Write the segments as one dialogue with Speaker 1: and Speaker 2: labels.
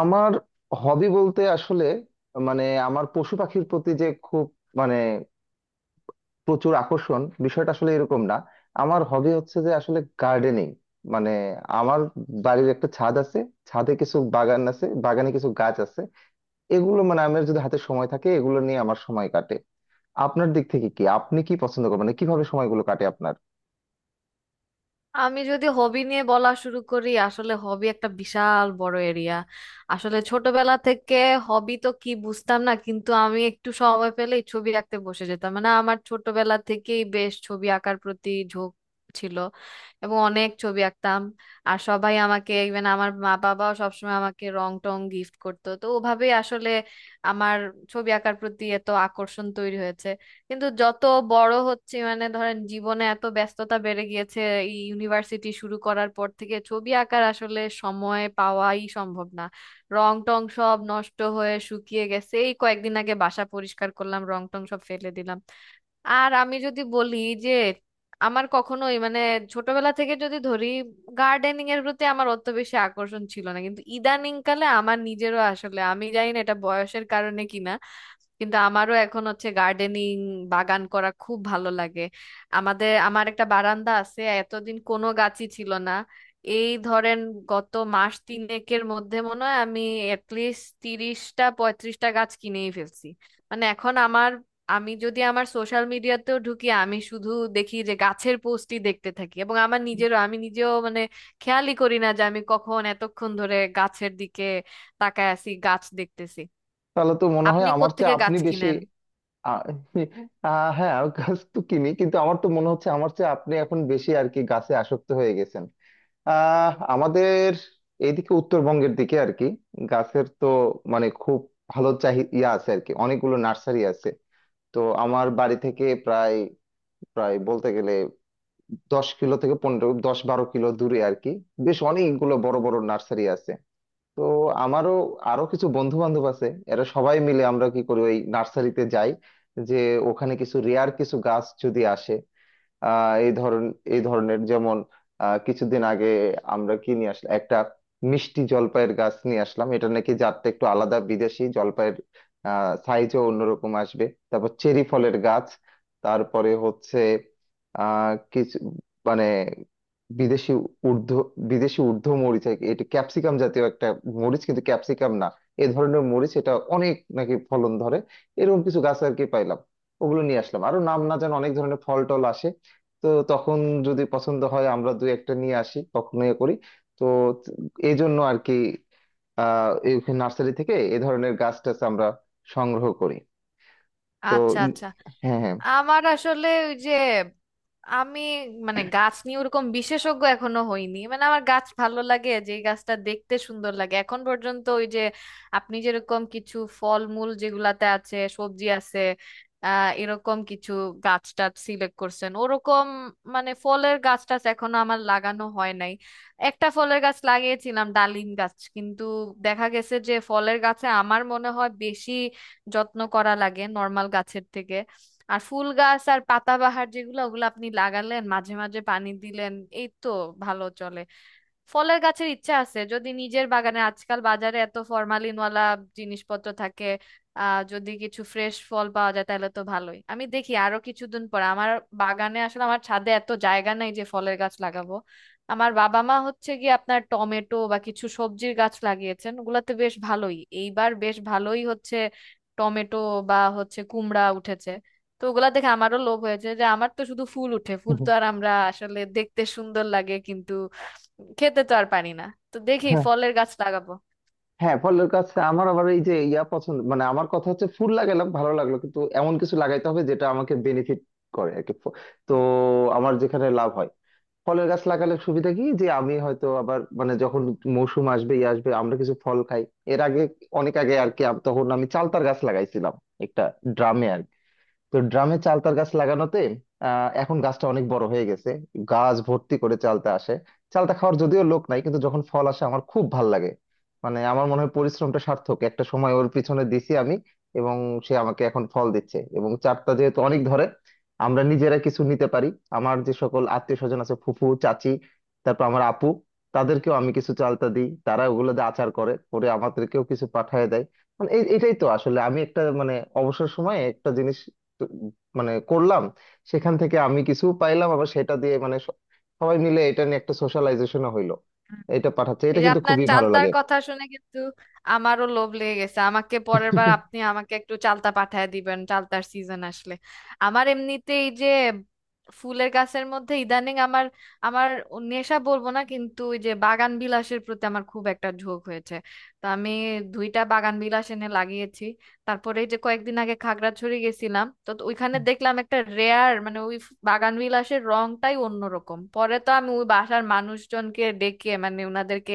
Speaker 1: আমার হবি বলতে আসলে মানে আমার পশু পাখির প্রতি যে খুব মানে প্রচুর আকর্ষণ বিষয়টা আসলে এরকম না। আমার হবি হচ্ছে যে আসলে গার্ডেনিং। মানে আমার বাড়ির একটা ছাদ আছে, ছাদে কিছু বাগান আছে, বাগানে কিছু গাছ আছে। এগুলো মানে আমার যদি হাতে সময় থাকে এগুলো নিয়ে আমার সময় কাটে। আপনার দিক থেকে কি আপনি কি পছন্দ করেন, মানে কিভাবে সময়গুলো কাটে আপনার?
Speaker 2: আমি যদি হবি নিয়ে বলা শুরু করি আসলে হবি একটা বিশাল বড় এরিয়া। আসলে ছোটবেলা থেকে হবি তো কি বুঝতাম না, কিন্তু আমি একটু সময় পেলেই ছবি আঁকতে বসে যেতাম। মানে আমার ছোটবেলা থেকেই বেশ ছবি আঁকার প্রতি ঝোঁক ছিল এবং অনেক ছবি আঁকতাম। আর সবাই আমাকে, ইভেন আমার মা বাবাও সবসময় আমাকে রং টং গিফট করতো, তো ওভাবেই আসলে আমার ছবি আঁকার প্রতি এত আকর্ষণ তৈরি হয়েছে। কিন্তু যত বড় হচ্ছে মানে ধরেন জীবনে এত ব্যস্ততা বেড়ে গিয়েছে, এই ইউনিভার্সিটি শুরু করার পর থেকে ছবি আঁকার আসলে সময় পাওয়াই সম্ভব না। রং টং সব নষ্ট হয়ে শুকিয়ে গেছে, এই কয়েকদিন আগে বাসা পরিষ্কার করলাম, রং টং সব ফেলে দিলাম। আর আমি যদি বলি যে আমার কখনোই মানে ছোটবেলা থেকে যদি ধরি, গার্ডেনিং এর প্রতি আমার অত বেশি আকর্ষণ ছিল না, কিন্তু ইদানিং কালে আমার নিজেরও আসলে, আমি জানি না এটা বয়সের কারণে কিনা, কিন্তু আমারও এখন হচ্ছে গার্ডেনিং, বাগান করা খুব ভালো লাগে। আমাদের আমার একটা বারান্দা আছে, এতদিন কোনো গাছই ছিল না। এই ধরেন গত মাস তিনেকের মধ্যে মনে হয় আমি অ্যাটলিস্ট 30টা 35টা গাছ কিনেই ফেলছি। মানে এখন আমার, আমি যদি আমার সোশ্যাল মিডিয়াতেও ঢুকি আমি শুধু দেখি যে গাছের পোস্টই দেখতে থাকি, এবং আমার নিজেরও আমি নিজেও মানে খেয়ালই করি না যে আমি কখন এতক্ষণ ধরে গাছের দিকে তাকায় আছি, গাছ দেখতেছি।
Speaker 1: তাহলে তো মনে হয়
Speaker 2: আপনি
Speaker 1: আমার চেয়ে
Speaker 2: কোত্থেকে
Speaker 1: আপনি
Speaker 2: গাছ
Speaker 1: বেশি।
Speaker 2: কিনেন?
Speaker 1: আ- আহ হ্যাঁ, আমি গাছ তো কিনি, কিন্তু আমার তো মনে হচ্ছে আমার চেয়ে আপনি এখন বেশি আর কি গাছে আসক্ত হয়ে গেছেন। আমাদের এইদিকে উত্তরবঙ্গের দিকে আর কি গাছের তো মানে খুব ভালো চাহি ইয়া আছে আর কি, অনেকগুলো নার্সারি আছে। তো আমার বাড়ি থেকে প্রায় প্রায় বলতে গেলে 10 কিলো থেকে 15 10 12 কিলো দূরে আর কি বেশ অনেকগুলো বড় বড় নার্সারি আছে। তো আমারও আরো কিছু বন্ধু বান্ধব আছে, এরা সবাই মিলে আমরা কি করি ওই নার্সারিতে যাই। যে ওখানে কিছু রেয়ার কিছু গাছ যদি আসে আহ এই ধরন এই ধরনের, যেমন কিছুদিন আগে আমরা কি নিয়ে আসলাম একটা মিষ্টি জলপাইয়ের গাছ নিয়ে আসলাম। এটা নাকি জাতটা একটু আলাদা বিদেশি জলপাইয়ের, সাইজও অন্যরকম আসবে। তারপর চেরি ফলের গাছ, তারপরে হচ্ছে কিছু মানে বিদেশি ঊর্ধ্ব বিদেশি ঊর্ধ্ব মরিচ আর কি, এটা ক্যাপসিকাম জাতীয় একটা মরিচ কিন্তু ক্যাপসিকাম না, এ ধরনের মরিচ। এটা অনেক নাকি ফলন ধরে। এরকম কিছু গাছ আর কি পাইলাম, ওগুলো নিয়ে আসলাম। আরো নাম না যেন অনেক ধরনের ফল টল আসে, তো তখন যদি পছন্দ হয় আমরা দুই একটা নিয়ে আসি, তখন ইয়ে করি। তো এই জন্য আর কি এই নার্সারি থেকে এ ধরনের গাছ টাছ আমরা সংগ্রহ করি। তো
Speaker 2: আচ্ছা
Speaker 1: ই-
Speaker 2: আচ্ছা।
Speaker 1: হ্যাঁ, হ্যাঁ।
Speaker 2: আমার আসলে ওই যে আমি মানে গাছ নিয়ে ওরকম বিশেষজ্ঞ এখনো হইনি, মানে আমার গাছ ভালো লাগে যে গাছটা দেখতে সুন্দর লাগে। এখন পর্যন্ত ওই যে আপনি যেরকম কিছু ফলমূল যেগুলাতে আছে, সবজি আছে, এরকম কিছু গাছ টাছ সিলেক্ট করছেন, ওরকম মানে ফলের গাছ টাছ এখনো আমার লাগানো হয় নাই। একটা ফলের গাছ লাগিয়েছিলাম, ডালিম গাছ, কিন্তু দেখা গেছে যে ফলের গাছে আমার মনে হয় বেশি যত্ন করা লাগে নর্মাল গাছের থেকে। আর ফুল গাছ আর পাতাবাহার যেগুলো, ওগুলো আপনি লাগালেন মাঝে মাঝে পানি দিলেন, এই তো ভালো চলে। ফলের গাছের ইচ্ছা আছে, যদি নিজের বাগানে, আজকাল বাজারে এত ফরমালিনওয়ালা জিনিসপত্র থাকে, যদি কিছু ফ্রেশ ফল পাওয়া যায় তাহলে তো ভালোই। আমি দেখি আরো কিছুদিন পর আমার বাগানে, আসলে আমার ছাদে এত জায়গা নাই যে ফলের গাছ লাগাবো। আমার বাবা মা হচ্ছে গিয়ে আপনার টমেটো বা কিছু সবজির গাছ লাগিয়েছেন, ওগুলাতে বেশ ভালোই, এইবার বেশ ভালোই হচ্ছে টমেটো, বা হচ্ছে কুমড়া উঠেছে। তো ওগুলা দেখে আমারও লোভ হয়েছে যে আমার তো শুধু ফুল উঠে, ফুল তো আর আমরা আসলে দেখতে সুন্দর লাগে কিন্তু খেতে তো আর পারি না। তো দেখি
Speaker 1: হ্যাঁ,
Speaker 2: ফলের গাছ লাগাবো।
Speaker 1: হ্যাঁ, ফলের গাছ আমার আবার এই যে ইয়া পছন্দ। মানে আমার কথা হচ্ছে ফুল লাগালাম ভালো লাগলো, কিন্তু এমন কিছু লাগাইতে হবে যেটা আমাকে বেনিফিট করে আর কি। তো আমার যেখানে লাভ হয়, ফলের গাছ লাগালে সুবিধা কি যে আমি হয়তো আবার মানে যখন মৌসুম আসবে ই আসবে আমরা কিছু ফল খাই। এর আগে অনেক আগে আর কি তখন আমি চালতার গাছ লাগাইছিলাম একটা ড্রামে। তো ড্রামে চালতার গাছ লাগানোতে এখন গাছটা অনেক বড় হয়ে গেছে, গাছ ভর্তি করে চালতা আসে। চালতা খাওয়ার যদিও লোক নাই, কিন্তু যখন ফল আসে আমার খুব ভাল লাগে। মানে আমার মনে হয় পরিশ্রমটা সার্থক, একটা সময় ওর পিছনে দিছি আমি, এবং সে আমাকে এখন ফল দিচ্ছে। এবং চারটা যেহেতু অনেক ধরে আমরা নিজেরা কিছু নিতে পারি। আমার যে সকল আত্মীয় স্বজন আছে, ফুফু চাচি, তারপর আমার আপু, তাদেরকেও আমি কিছু চালতা দিই। তারা ওগুলো দিয়ে আচার করে করে আমাদেরকেও কিছু পাঠিয়ে দেয়। মানে এটাই তো আসলে আমি একটা মানে অবসর সময়ে একটা জিনিস মানে করলাম, সেখান থেকে আমি কিছু পাইলাম, আবার সেটা দিয়ে মানে সবাই মিলে এটা নিয়ে একটা সোশ্যালাইজেশনও হইলো। এটা পাঠাচ্ছে এটা,
Speaker 2: এই যে
Speaker 1: কিন্তু
Speaker 2: আপনার
Speaker 1: খুবই ভালো
Speaker 2: চালতার
Speaker 1: লাগে।
Speaker 2: কথা শুনে কিন্তু আমারও লোভ লেগে গেছে, আমাকে পরের বার আপনি আমাকে একটু চালতা পাঠায় দিবেন চালতার সিজন আসলে। আমার এমনিতে এই যে ফুলের গাছের মধ্যে ইদানিং আমার, আমার নেশা বলবো না কিন্তু ওই যে বাগান বিলাসের প্রতি আমার খুব একটা ঝোঁক হয়েছে। তো আমি দুইটা বাগান বিলাস এনে লাগিয়েছি। তারপরে এই যে কয়েকদিন আগে খাগড়াছড়ি গেছিলাম, তো তো ওইখানে দেখলাম একটা রেয়ার, মানে ওই বাগান বিলাসের রংটাই অন্যরকম। পরে তো আমি ওই বাসার মানুষজনকে ডেকে, মানে ওনাদেরকে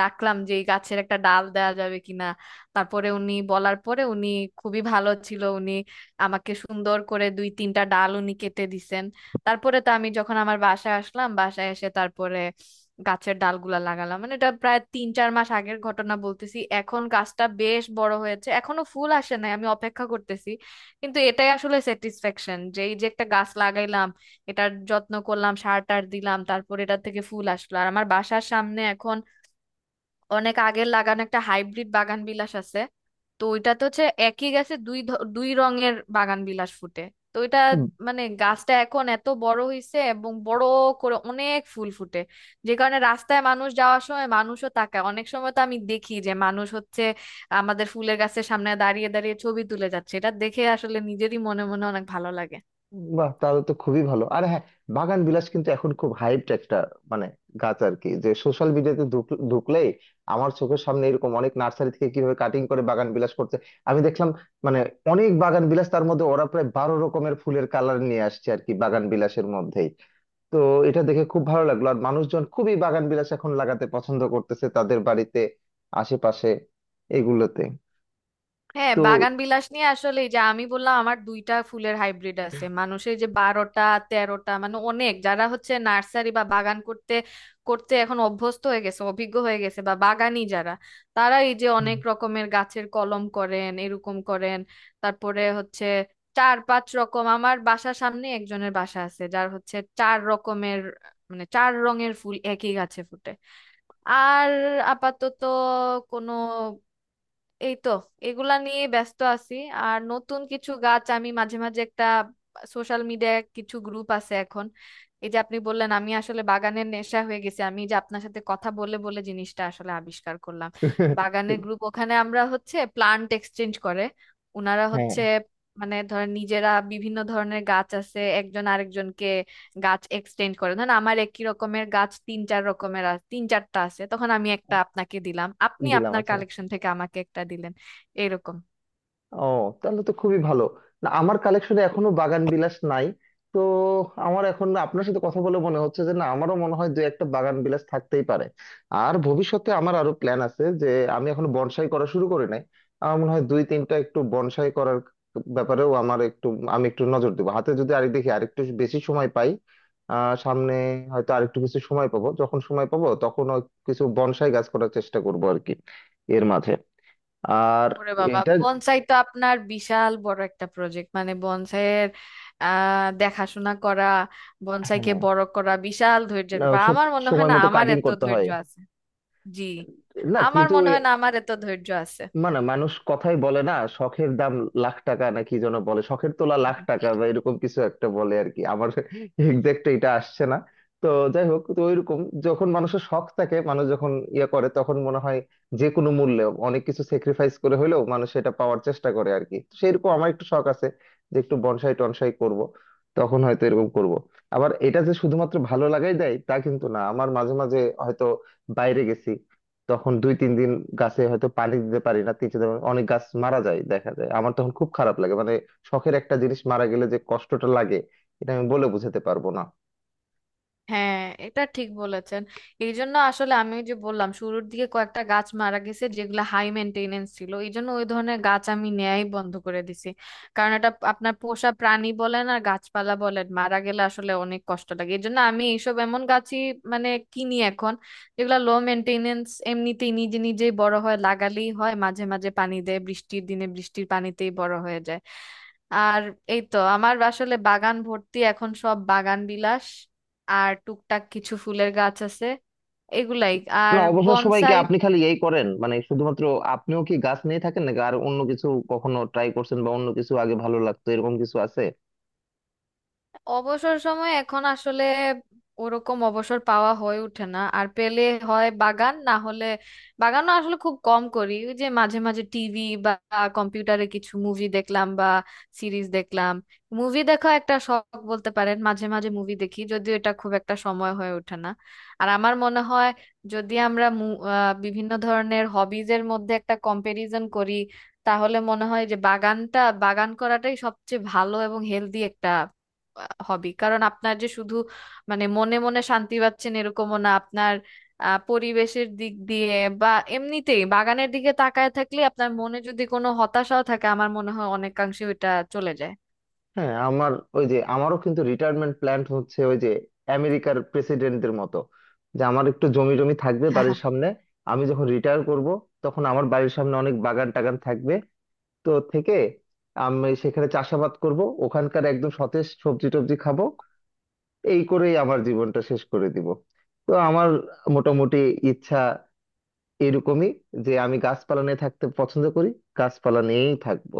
Speaker 2: ডাকলাম যে এই গাছের একটা ডাল দেওয়া যাবে কিনা। তারপরে উনি বলার পরে, উনি খুবই ভালো ছিল, উনি আমাকে সুন্দর করে দুই তিনটা ডাল উনি কেটে দিছেন। তারপরে তো আমি যখন আমার বাসায় আসলাম, বাসায় এসে তারপরে গাছের ডালগুলা লাগালাম, মানে এটা প্রায় তিন চার মাস আগের ঘটনা বলতেছি। এখন গাছটা বেশ বড় হয়েছে, এখনো ফুল আসে নাই, আমি অপেক্ষা করতেছি। কিন্তু এটাই আসলে স্যাটিসফ্যাকশন যে এই যে একটা গাছ লাগাইলাম, এটার যত্ন করলাম, সার টার দিলাম, তারপর এটা থেকে ফুল আসলো। আর আমার বাসার সামনে এখন অনেক আগের লাগানো একটা হাইব্রিড বাগান বিলাস আছে, তো ওইটা তো হচ্ছে একই গাছে দুই রঙের বাগান বিলাস ফুটে। তো ওইটা
Speaker 1: হুম।
Speaker 2: মানে গাছটা এখন এত বড় হইছে এবং বড় করে অনেক ফুল ফুটে যে কারণে রাস্তায় মানুষ যাওয়ার সময় মানুষও তাকায়। অনেক সময় তো আমি দেখি যে মানুষ হচ্ছে আমাদের ফুলের গাছের সামনে দাঁড়িয়ে দাঁড়িয়ে ছবি তুলে যাচ্ছে, এটা দেখে আসলে নিজেরই মনে মনে অনেক ভালো লাগে।
Speaker 1: বাহ, তাহলে তো খুবই ভালো। আর হ্যাঁ, বাগান বিলাস কিন্তু এখন খুব হাইপড একটা মানে গাছ আর কি, যে সোশ্যাল মিডিয়াতে ঢুকলেই আমার চোখের সামনে এরকম অনেক নার্সারি থেকে কিভাবে কাটিং করে বাগান বিলাস করছে আমি দেখলাম। মানে অনেক বাগান বিলাস, তার মধ্যে ওরা প্রায় 12 রকমের ফুলের কালার নিয়ে আসছে আর কি বাগান বিলাসের মধ্যে। তো এটা দেখে খুব ভালো লাগলো। আর মানুষজন খুবই বাগান বিলাস এখন লাগাতে পছন্দ করতেছে তাদের বাড়িতে, আশেপাশে, এগুলোতে।
Speaker 2: হ্যাঁ,
Speaker 1: তো
Speaker 2: বাগান বিলাস নিয়ে আসলে এই যে আমি বললাম আমার দুইটা ফুলের হাইব্রিড আছে, মানুষের যে 12টা 13টা, মানে অনেক যারা হচ্ছে নার্সারি বা বাগান করতে করতে এখন অভ্যস্ত হয়ে গেছে, অভিজ্ঞ হয়ে গেছে বা বাগানি যারা, তারা এই যে
Speaker 1: হুম।
Speaker 2: অনেক রকমের গাছের কলম করেন, এরকম করেন। তারপরে হচ্ছে চার পাঁচ রকম, আমার বাসার সামনে একজনের বাসা আছে যার হচ্ছে চার রকমের মানে চার রঙের ফুল একই গাছে ফুটে। আর আপাতত কোনো, এই তো এগুলা নিয়ে ব্যস্ত আছি। আর নতুন কিছু গাছ আমি মাঝে মাঝে, একটা সোশ্যাল মিডিয়ায় কিছু গ্রুপ আছে এখন, এই যে আপনি বললেন আমি আসলে বাগানের নেশা হয়ে গেছে, আমি যে আপনার সাথে কথা বলে বলে জিনিসটা আসলে আবিষ্কার করলাম। বাগানের গ্রুপ, ওখানে আমরা হচ্ছে প্লান্ট এক্সচেঞ্জ করে, ওনারা
Speaker 1: হ্যাঁ,
Speaker 2: হচ্ছে মানে ধরেন নিজেরা বিভিন্ন ধরনের গাছ আছে, একজন আরেকজনকে গাছ এক্সটেন্ড করে। ধরেন আমার একই রকমের গাছ তিন চার রকমের তিন চারটা আছে, তখন আমি একটা আপনাকে দিলাম, আপনি
Speaker 1: দিলাম
Speaker 2: আপনার
Speaker 1: আছে।
Speaker 2: কালেকশন থেকে আমাকে একটা দিলেন, এরকম।
Speaker 1: ও, তাহলে তো খুবই ভালো। না, আমার কালেকশনে এখনো বাগান বিলাস নাই। তো আমার এখন না আপনার সাথে কথা বলে মনে হচ্ছে যে না আমারও মনে হয় দু একটা বাগান বিলাস থাকতেই পারে। আর ভবিষ্যতে আমার আরো প্ল্যান আছে যে আমি এখন বনসাই করা শুরু করি নাই, আমার মনে হয় 2 3টা একটু বনসাই করার ব্যাপারেও আমার একটু আমি একটু নজর দেবো, হাতে যদি আরেক দেখি আরেকটু বেশি সময় পাই। সামনে হয়তো আরেকটু কিছু সময় পাবো, যখন সময় পাবো তখন কিছু বনসাই গাছ করার চেষ্টা করবো আর কি এর মাঝে। আর
Speaker 2: ওরে বাবা,
Speaker 1: এটা
Speaker 2: বনসাই তো আপনার বিশাল বড় একটা প্রজেক্ট, মানে বনসাইয়ের দেখাশোনা করা, বনসাইকে
Speaker 1: হ্যাঁ।
Speaker 2: বড় করা বিশাল ধৈর্যের
Speaker 1: না,
Speaker 2: ব্যাপার,
Speaker 1: সব
Speaker 2: আমার মনে হয়
Speaker 1: সময়
Speaker 2: না
Speaker 1: মতো
Speaker 2: আমার
Speaker 1: কাটিং
Speaker 2: এত
Speaker 1: করতে
Speaker 2: ধৈর্য
Speaker 1: হয়,
Speaker 2: আছে। জি।
Speaker 1: না
Speaker 2: আমার
Speaker 1: কিন্তু
Speaker 2: মনে হয় না আমার এত ধৈর্য আছে।
Speaker 1: মানে মানুষ কথাই বলে না শখের দাম লাখ টাকা, নাকি যেন বলে শখের তোলা লাখ টাকা বা এরকম কিছু একটা বলে আর কি, আমার এক্সাক্ট এটা আসছে না। তো যাই হোক, তো ওইরকম যখন মানুষের শখ থাকে, মানুষ যখন ইয়ে করে তখন মনে হয় যে কোনো মূল্যে অনেক কিছু স্যাক্রিফাইস করে হলেও মানুষ এটা পাওয়ার চেষ্টা করে আর কি। সেইরকম আমার একটু শখ আছে যে একটু বনসাই টনসাই করব, তখন হয়তো এরকম করব। আবার এটা যে শুধুমাত্র ভালো লাগাই দেয় তা কিন্তু না। আমার মাঝে মাঝে হয়তো বাইরে গেছি, তখন 2 3 দিন গাছে হয়তো পানি দিতে পারি না, 3 4 দিন, অনেক গাছ মারা যায় দেখা যায়। আমার তখন খুব খারাপ লাগে, মানে শখের একটা জিনিস মারা গেলে যে কষ্টটা লাগে, এটা আমি বলে বোঝাতে পারবো না।
Speaker 2: হ্যাঁ, এটা ঠিক বলেছেন। এই জন্য আসলে আমি ওই যে বললাম শুরুর দিকে কয়েকটা গাছ মারা গেছে যেগুলো হাই মেনটেনেন্স ছিল, এই জন্য ওই ধরনের গাছ আমি নেয়াই বন্ধ করে দিছি। কারণ এটা আপনার পোষা প্রাণী বলেন আর গাছপালা বলেন, মারা গেলে আসলে অনেক কষ্ট লাগে। এই জন্য আমি এইসব এমন গাছই মানে কিনি এখন, যেগুলো লো মেনটেনেন্স, এমনিতেই নিজে নিজেই বড় হয়, লাগালেই হয়, মাঝে মাঝে পানি দেয়, বৃষ্টির দিনে বৃষ্টির পানিতেই বড় হয়ে যায়। আর এই তো, আমার আসলে বাগান ভর্তি এখন সব বাগান বিলাস, আর টুকটাক কিছু ফুলের গাছ আছে, এগুলাই,
Speaker 1: না,
Speaker 2: আর
Speaker 1: অবসর সময় কি
Speaker 2: বনসাই।
Speaker 1: আপনি খালি এই করেন, মানে শুধুমাত্র আপনিও কি গাছ নিয়ে থাকেন নাকি আর অন্য কিছু কখনো ট্রাই করছেন, বা অন্য কিছু আগে ভালো লাগতো এরকম কিছু আছে?
Speaker 2: অবসর সময় এখন আসলে ওরকম অবসর পাওয়া হয়ে ওঠে না। আর পেলে হয় বাগান, না হলে বাগানও আসলে খুব কম করি। ওই যে মাঝে মাঝে টিভি বা কম্পিউটারে কিছু মুভি দেখলাম বা সিরিজ দেখলাম, মুভি দেখা একটা শখ বলতে পারেন, মাঝে মাঝে মুভি দেখি, যদিও এটা খুব একটা সময় হয়ে ওঠে না। আর আমার মনে হয় যদি আমরা বিভিন্ন ধরনের হবিজের মধ্যে একটা কম্পারিজন করি তাহলে মনে হয় যে বাগানটা, বাগান করাটাই সবচেয়ে ভালো এবং হেলদি হবি। কারণ আপনার যে শুধু মানে মনে মনে শান্তি পাচ্ছেন এরকমও না, আপনার পরিবেশের দিক দিয়ে বা এমনিতেই বাগানের দিকে তাকায় থাকলে আপনার মনে যদি কোনো হতাশাও থাকে আমার মনে হয় অনেকাংশে ওটা চলে যায়।
Speaker 1: হ্যাঁ, আমার ওই যে আমারও কিন্তু রিটায়ারমেন্ট প্ল্যান হচ্ছে ওই যে আমেরিকার প্রেসিডেন্টদের মতো যে আমার একটু জমি জমি থাকবে বাড়ির সামনে। আমি যখন রিটায়ার করব তখন আমার বাড়ির সামনে অনেক বাগান টাগান থাকবে। তো থেকে আমি সেখানে চাষাবাদ করব, ওখানকার একদম সতেজ সবজি টবজি খাবো। এই করেই আমার জীবনটা শেষ করে দিব। তো আমার মোটামুটি ইচ্ছা এরকমই, যে আমি গাছপালা নিয়ে থাকতে পছন্দ করি, গাছপালা নিয়েই থাকবো।